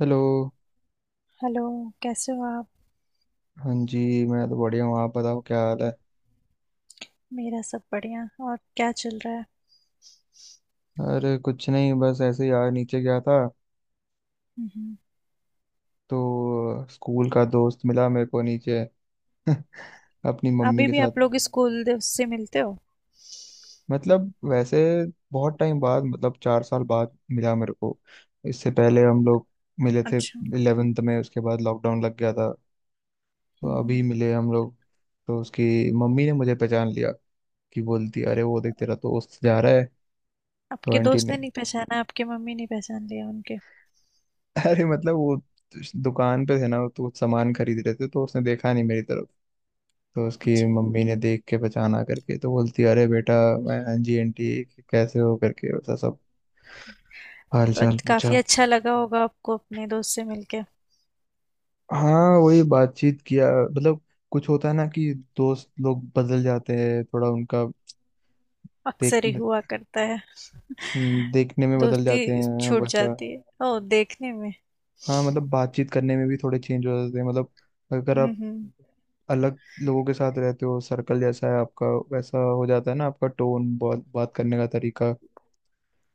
Hello. Hello. कैसे हो आप? हाँ जी। मैं तो बढ़िया हूँ, आप बताओ क्या हाल है? मेरा सब बढ़िया। और क्या चल रहा है? अरे कुछ नहीं, बस ऐसे ही यार, नीचे गया था। हम्म। तो स्कूल का दोस्त मिला मेरे को नीचे। अपनी मम्मी अभी के भी साथ। आप लोग स्कूल दिवस से मिलते हो? मतलब वैसे बहुत टाइम बाद, मतलब 4 साल बाद मिला मेरे को। इससे पहले हम लोग मिले थे अच्छा। 11th में, उसके बाद लॉकडाउन लग गया था। तो अभी हम्म। मिले हम लोग। तो उसकी मम्मी ने मुझे पहचान लिया, कि बोलती अरे वो देख तेरा दोस्त जा रहा है। तो आपके आंटी दोस्त ने ने, नहीं पहचाना, आपके मम्मी ने पहचान लिया उनके? अरे मतलब वो दुकान पे थे ना, तो कुछ सामान खरीद रहे थे, तो उसने देखा नहीं मेरी तरफ। तो उसकी अच्छा। मम्मी ने देख के पहचाना करके, तो बोलती अरे बेटा। मैं हाँ जी आंटी कैसे हो करके वैसा सब हाल तो चाल पूछा। काफी अच्छा लगा होगा आपको अपने दोस्त से मिलके। हाँ, वही बातचीत किया। मतलब कुछ होता है ना कि दोस्त लोग बदल जाते हैं थोड़ा उनका, देख। अक्सर ही हुआ करता है। देखने में बदल दोस्ती जाते हैं छूट वैसा। जाती है। ओ, देखने में। हाँ, मतलब बातचीत करने में भी थोड़े चेंज हो जाते हैं। मतलब अगर आप हम्म। अलग लोगों के साथ रहते हो, सर्कल जैसा है आपका, वैसा हो जाता है ना आपका टोन, बात बात करने का तरीका।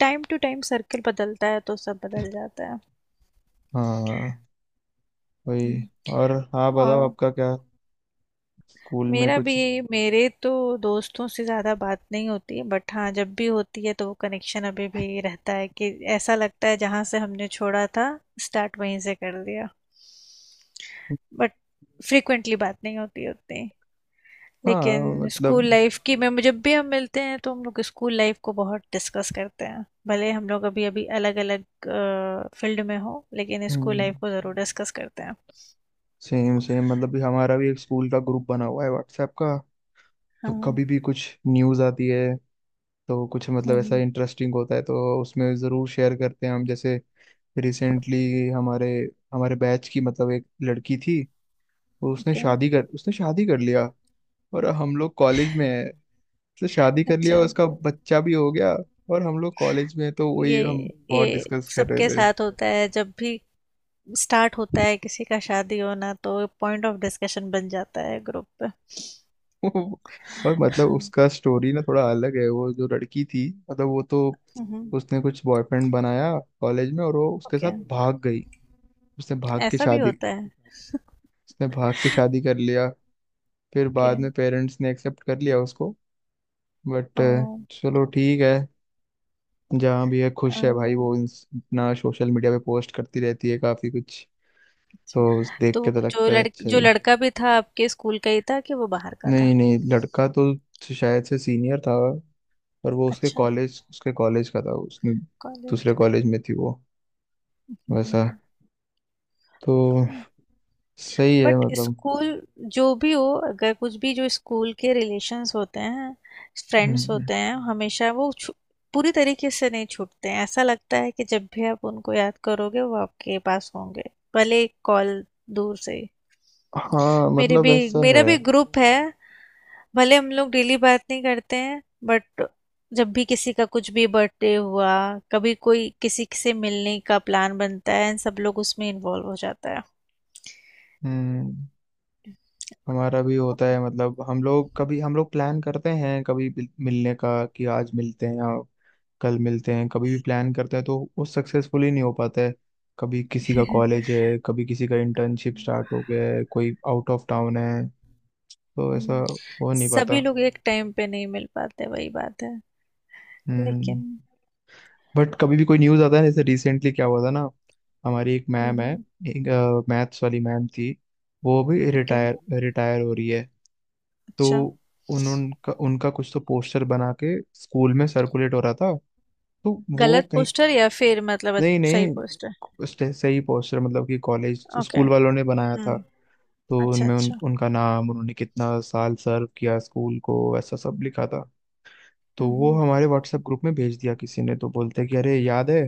टाइम टू टाइम सर्कल बदलता है तो सब बदल जाता है। हाँ, वही। हम्म। और हाँ बताओ और आपका क्या, स्कूल में मेरा भी कुछ? मेरे तो दोस्तों से ज़्यादा बात नहीं होती, बट हाँ जब भी होती है तो वो कनेक्शन अभी भी रहता है कि ऐसा लगता है जहाँ से हमने छोड़ा था, स्टार्ट वहीं से कर लिया। बट फ्रिक्वेंटली बात नहीं होती उतनी। हाँ लेकिन मतलब, स्कूल लाइफ की में जब भी हम मिलते हैं तो हम लोग स्कूल लाइफ को बहुत डिस्कस करते हैं, भले हम लोग अभी अभी अलग अलग फील्ड में हो, लेकिन स्कूल लाइफ को ज़रूर डिस्कस करते हैं। सेम सेम मतलब भी, हमारा भी एक स्कूल का ग्रुप बना हुआ है व्हाट्सएप का। तो हाँ। कभी भी कुछ न्यूज़ आती है, तो कुछ मतलब ऐसा हम्म। इंटरेस्टिंग होता है, तो उसमें ज़रूर शेयर करते हैं हम। जैसे रिसेंटली हमारे हमारे बैच की मतलब एक लड़की थी। तो ओके। उसने शादी कर लिया। और हम लोग कॉलेज में है, तो शादी कर अच्छा। लिया, उसका बच्चा भी हो गया। और हम लोग कॉलेज में हैं, तो ये वही हम बहुत ये डिस्कस कर रहे सबके थे। साथ होता है, जब भी स्टार्ट होता है किसी का शादी होना तो पॉइंट ऑफ डिस्कशन बन जाता है ग्रुप पे। और मतलब उसका स्टोरी ना थोड़ा अलग है। वो जो लड़की थी मतलब, वो तो हम्म। उसने कुछ बॉयफ्रेंड बनाया कॉलेज में, और वो उसके ओके। साथ भाग गई। उसने भाग के ऐसा भी शादी होता है। उसने भाग के शादी कर लिया। फिर कि बाद में पेरेंट्स ने एक्सेप्ट कर लिया उसको। बट ओ, चलो ठीक है, जहाँ भी है अच्छा। खुश है भाई। वो अपना सोशल मीडिया पे पोस्ट करती रहती है काफी कुछ। तो उस देख तो के तो लगता है अच्छा जो ही। लड़का भी था, आपके स्कूल का ही था कि वो बाहर का था? नहीं नहीं, लड़का तो शायद से सीनियर था। पर वो अच्छा। उसके कॉलेज का था उसने। कॉलेज दूसरे का। कॉलेज में थी वो, वैसा। हम्म। तो सही है बट मतलब। स्कूल जो भी हो, अगर कुछ भी जो स्कूल के रिलेशंस होते हैं, फ्रेंड्स हम्म, होते हैं, हमेशा वो पूरी तरीके से नहीं छूटते हैं। ऐसा लगता है कि जब भी आप उनको याद करोगे वो आपके पास होंगे, भले कॉल, दूर से ही। हाँ मेरे मतलब भी ऐसा मेरा है। भी ग्रुप है, भले हम लोग डेली बात नहीं करते हैं, बट जब भी किसी का कुछ भी बर्थडे हुआ, कभी कोई किसी से मिलने का प्लान बनता है, सब लोग उसमें इन्वॉल्व हो जाता हम्म, हमारा भी होता है। मतलब हम लोग कभी, हम लोग प्लान करते हैं कभी, मिलने का कि आज मिलते हैं, कल मिलते हैं, कभी भी प्लान करते हैं, तो वो सक्सेसफुली नहीं हो पाता है। कभी किसी का है। कॉलेज है, कभी किसी का इंटर्नशिप स्टार्ट हो गया है, कोई आउट ऑफ टाउन है, तो ऐसा हम्म। हो नहीं पाता। सभी लोग एक टाइम पे नहीं मिल पाते, वही बात है हम्म। लेकिन। बट कभी भी कोई न्यूज़ आता है, जैसे रिसेंटली क्या हुआ था ना। हमारी एक मैम है, हम्म। एक मैथ्स वाली मैम थी। वो भी ओके। रिटायर रिटायर हो रही है। तो अच्छा। उन्होंने उनका उनका कुछ तो पोस्टर बना के स्कूल में सर्कुलेट हो रहा था। तो वो गलत कहीं, पोस्टर या फिर मतलब नहीं सही नहीं, पोस्टर? उसने सही पोस्टर मतलब कि कॉलेज ओके। स्कूल वालों ने बनाया था। हम्म। तो अच्छा, उनमें अच्छा। उनका नाम, उन्होंने कितना साल सर्व किया स्कूल को, ऐसा सब लिखा था। तो वो हम्म। हमारे व्हाट्सएप ग्रुप में भेज दिया किसी ने, तो बोलते कि अरे हम्म। याद है,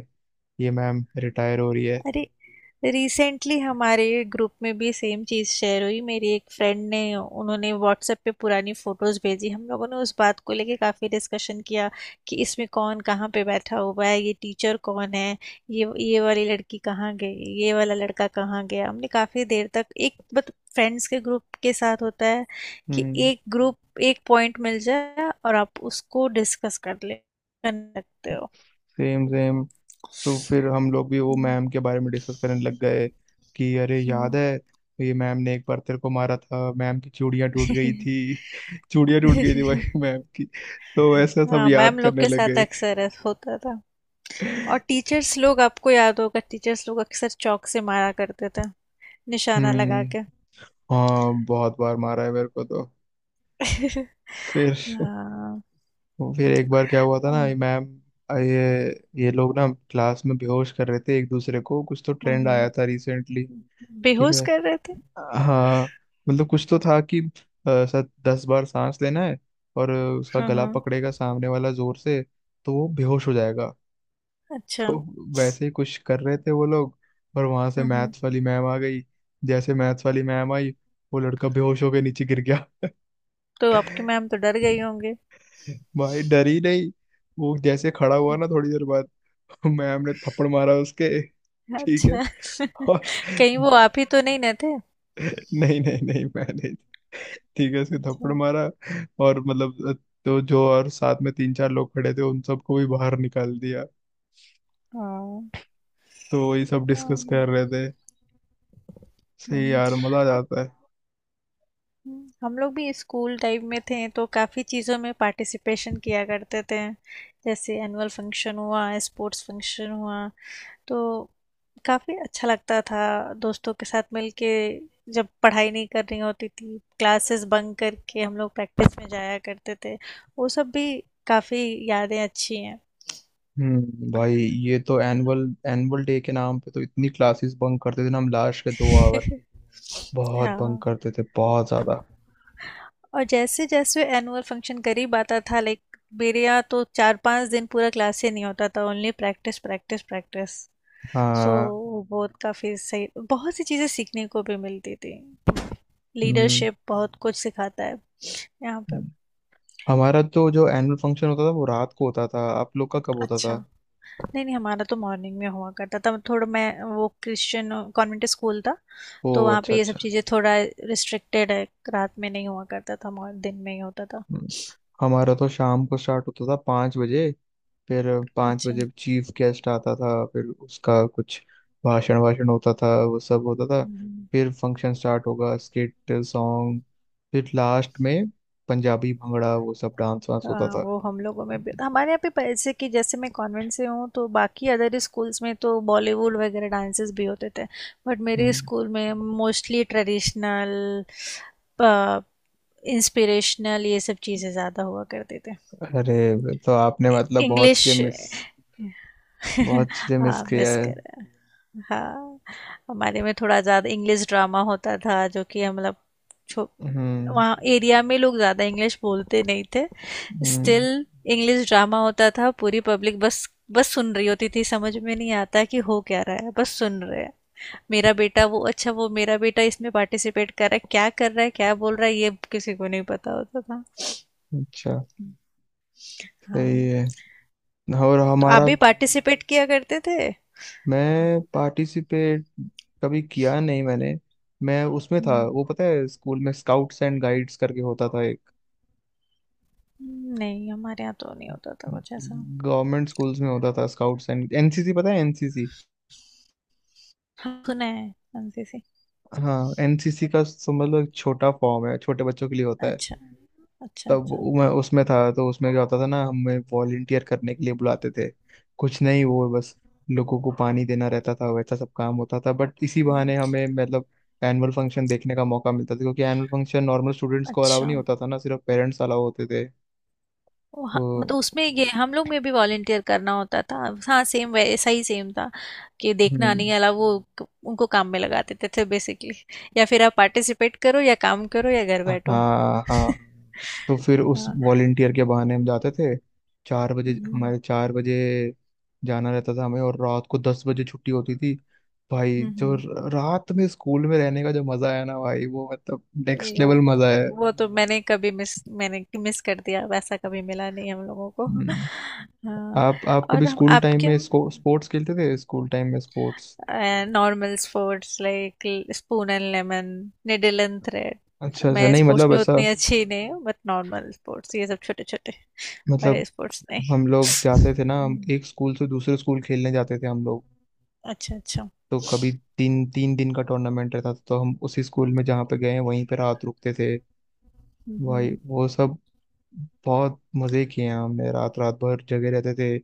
ये मैम रिटायर हो रही है। अरे, रिसेंटली हमारे ग्रुप में भी सेम चीज़ शेयर हुई, मेरी एक फ्रेंड ने, उन्होंने व्हाट्सएप पे पुरानी फ़ोटोज़ भेजी। हम लोगों ने उस बात को लेके काफ़ी डिस्कशन किया कि इसमें कौन कहाँ पे बैठा हुआ है, ये टीचर कौन है, ये वाली लड़की कहाँ गई, ये वाला लड़का कहाँ गया। हमने काफ़ी देर तक एक, बट फ्रेंड्स के ग्रुप के साथ होता है कि हम्म। एक ग्रुप एक पॉइंट मिल जाए और आप उसको डिस्कस कर ले, कर सकते हो। Same same. तो फिर हम लोग भी वो हम्म। मैम के बारे में डिस्कस करने लग गए कि अरे याद है, ये मैम ने एक बार तेरे को मारा था, मैम की चूड़ियां टूट गई हम्म। थी। चूड़ियां टूट गई थी भाई मैम की। तो ऐसा सब हाँ, याद मैम लोग करने के साथ लगे। अक्सर ऐसा होता था। और टीचर्स लोग, आपको याद होगा, टीचर्स लोग अक्सर चौक से मारा करते थे, निशाना लगा हम्म। के। हाँ, बहुत बार मारा है मेरे को तो। फिर हाँ। एक बार क्या हुआ था ना, ये हम्म। मैम, ये ये लोग ना क्लास में बेहोश कर रहे थे एक दूसरे को, कुछ तो ट्रेंड आया हम्म। था रिसेंटली। हम्म। ठीक बेहोश है। कर रहे थे? हाँ मतलब कुछ तो था कि शायद 10 बार सांस लेना है, और उसका गला हम्म। पकड़ेगा सामने वाला जोर से, तो वो बेहोश हो जाएगा। अच्छा। तो वैसे ही कुछ कर रहे थे वो लोग, और वहां से हम्म। हम्म। मैथ्स वाली मैम आ गई। जैसे मैथ्स वाली मैम आई, वो लड़का बेहोश होकर नीचे गिर गया। तो आपकी मैम तो डर गई होंगी। भाई डर ही नहीं। वो जैसे खड़ा हुआ ना थोड़ी देर बाद, मैम ने थप्पड़ मारा उसके। ठीक है। अच्छा। और कहीं वो आप ही तो नहीं ना थे? नहीं नहीं नहीं, मैं नहीं। ठीक है, उसके अच्छा। थप्पड़ मारा। और मतलब, तो जो और साथ में तीन चार लोग खड़े थे, उन सबको भी बाहर निकाल दिया। हाँ, तो वही सब डिस्कस हाँ। कर रहे थे। सही हम्म। यार, मजा आ जाता है। हम लोग भी स्कूल टाइम में थे तो काफ़ी चीज़ों में पार्टिसिपेशन किया करते थे। जैसे एनुअल फंक्शन हुआ, स्पोर्ट्स फंक्शन हुआ, तो काफ़ी अच्छा लगता था दोस्तों के साथ मिलके। जब पढ़ाई नहीं करनी होती थी, क्लासेस बंक करके हम लोग प्रैक्टिस में जाया करते थे। वो सब भी काफ़ी यादें अच्छी हैं। हम्म, भाई ये तो एनुअल एनुअल डे के नाम पे तो इतनी क्लासेस बंक करते थे ना हम, लास्ट के 2 आवर। बहुत बंक हाँ। करते थे, बहुत ज्यादा। और जैसे जैसे एनुअल फंक्शन करीब आता था, लाइक मेरे यहाँ तो 4-5 दिन पूरा क्लास ही नहीं होता था, only practice, practice, practice. So हाँ। वो बहुत काफ़ी सही, बहुत सी चीज़ें सीखने को भी मिलती थी। हम्म। लीडरशिप बहुत कुछ सिखाता है, यहाँ हम्म। पे। हमारा तो जो एनुअल फंक्शन होता था वो रात को होता था, आप लोग का कब होता अच्छा। था? नहीं, नहीं, हमारा तो मॉर्निंग में हुआ करता था। मतलब थोड़ा, मैं वो क्रिश्चियन कॉन्वेंट स्कूल था, ओ, तो वहाँ अच्छा पे ये सब अच्छा। चीज़ें थोड़ा रिस्ट्रिक्टेड है। रात में नहीं हुआ करता था, दिन में ही होता था। हम्म, हमारा तो शाम को स्टार्ट होता था, 5 बजे। फिर पाँच अच्छा। बजे चीफ गेस्ट आता था, फिर उसका कुछ भाषण वाषण होता था, वो सब होता था। हम्म। फिर फंक्शन स्टार्ट होगा, स्किट, सॉन्ग, फिर लास्ट में पंजाबी भंगड़ा, वो सब डांस वांस होता हाँ, था। वो हम लोगों में भी हमारे यहाँ पे पैसे कि जैसे मैं कॉन्वेंट से हूँ, तो बाकी अदर स्कूल्स में तो बॉलीवुड वगैरह डांसेस भी होते थे। बट मेरे हम्म। स्कूल में मोस्टली ट्रेडिशनल, इंस्पिरेशनल, ये सब चीज़ें ज़्यादा हुआ करते थे। अरे तो आपने मतलब इंग्लिश। बहुत चीजें मिस हाँ, किया मिस है। कर। हाँ, हमारे में थोड़ा ज़्यादा इंग्लिश ड्रामा होता था, जो कि हम छो- हम्म। वहाँ एरिया में लोग ज़्यादा इंग्लिश बोलते नहीं थे। हम्म। स्टिल इंग्लिश ड्रामा होता था, पूरी पब्लिक बस बस सुन रही होती थी, समझ में नहीं आता कि हो क्या रहा है, बस सुन रहे हैं। मेरा बेटा, वो, अच्छा वो मेरा बेटा इसमें पार्टिसिपेट कर रहा है, क्या कर रहा है क्या बोल रहा है, ये किसी को नहीं पता होता था। अच्छा, सही हाँ। है। और तो आप हमारा, भी पार्टिसिपेट किया करते थे? मैं पार्टिसिपेट कभी किया नहीं मैंने। मैं उसमें था हम्म। वो, पता है स्कूल में स्काउट्स एंड गाइड्स करके होता था एक, नहीं, हमारे यहाँ तो नहीं होता था कुछ ऐसा। गवर्नमेंट स्कूल्स में होता था स्काउट्स एंड एनसीसी, पता है एनसीसी? हाँ, सुना है। एनसीसी। हाँ, एनसीसी का समझ लो एक छोटा फॉर्म है, छोटे बच्चों के लिए होता है। अच्छा, अच्छा। तब अच्छा। मैं उसमें था, तो उसमें क्या होता था ना, हमें वॉलंटियर करने के लिए बुलाते थे, कुछ नहीं वो बस लोगों को पानी देना रहता था, वैसा सब काम होता था। बट इसी हम्म। बहाने हमें मतलब एनुअल फंक्शन देखने का मौका मिलता था, क्योंकि एनुअल फंक्शन नॉर्मल स्टूडेंट्स को अलाउ अच्छा नहीं होता था ना, सिर्फ पेरेंट्स अलाउ होते थे। वो तो मतलब उसमें ये हम लोग में भी वॉलेंटियर करना होता था। हाँ, सेम वैसा ही सेम था कि देखना हम्म, नहीं अलावा, वो उनको काम में लगा देते थे बेसिकली। या फिर आप पार्टिसिपेट करो या काम करो या घर बैठो। हाँ हाँ। तो फिर उस हाँ। वॉलेंटियर के बहाने हम जाते थे, 4 बजे हम्म। हमारे, 4 बजे जाना रहता था हमें, और रात को 10 बजे छुट्टी होती थी। भाई जो हम्म। रात में स्कूल में रहने का जो मजा आया ना भाई, वो मतलब नेक्स्ट ये वो लेवल मजा है। वो तो मैंने मिस कर दिया, वैसा कभी मिला नहीं हम लोगों को। हम्म। हाँ। आप कभी और हम स्कूल टाइम आपके। में इसको स्पोर्ट्स खेलते थे, स्कूल टाइम में sports? And normal sports like spoon and lemon, needle and thread. अच्छा अच्छा। मैं नहीं स्पोर्ट्स मतलब में ऐसा उतनी अच्छी नहीं हूँ, बट नॉर्मल स्पोर्ट्स, ये सब छोटे छोटे, मतलब, बड़े स्पोर्ट्स नहीं। हम लोग जाते थे ना, हम हम्म। एक स्कूल से दूसरे स्कूल खेलने जाते थे हम लोग। अच्छा, अच्छा। तो कभी तीन तीन दिन का टूर्नामेंट रहता था, तो हम उसी स्कूल में जहाँ पे गए हैं वहीं पे रात रुकते थे। भाई हम्म। वो सब बहुत मजे किए हैं हमने, रात रात भर जगे रहते थे।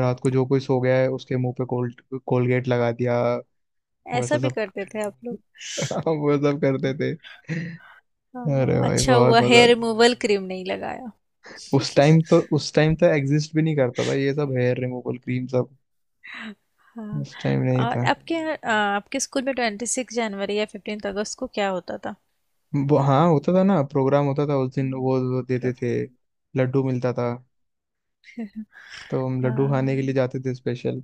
रात को जो कोई सो गया है उसके मुंह पे कोलगेट लगा दिया, ऐसा वैसा भी सब करते थे आप लोग? वो सब करते थे। अरे हाँ, भाई अच्छा बहुत हुआ मजा हेयर आता। रिमूवल क्रीम नहीं लगाया। उस टाइम तो एग्जिस्ट भी नहीं करता था ये सब हेयर रिमूवल क्रीम सब। हाँ। उस टाइम नहीं और था। आपके स्कूल में 26 जनवरी या 15 अगस्त को क्या होता था? वो हाँ होता था ना, प्रोग्राम होता था उस दिन, वो देते थे, प्रोग्राम। लड्डू मिलता था। तो हम लड्डू खाने के लिए हाँ। जाते थे स्पेशल।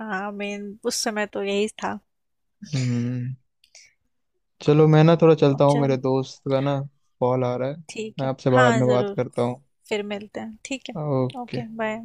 हाँ, मेन उस समय तो यही था। हम्म, चलो मैं ना थोड़ा चलता हूँ, मेरे चलो, दोस्त का ना कॉल आ रहा है। ठीक मैं है। आपसे बाद हाँ, में बात ज़रूर। करता हूँ। फिर मिलते हैं। ठीक है। ओके। Okay, bye.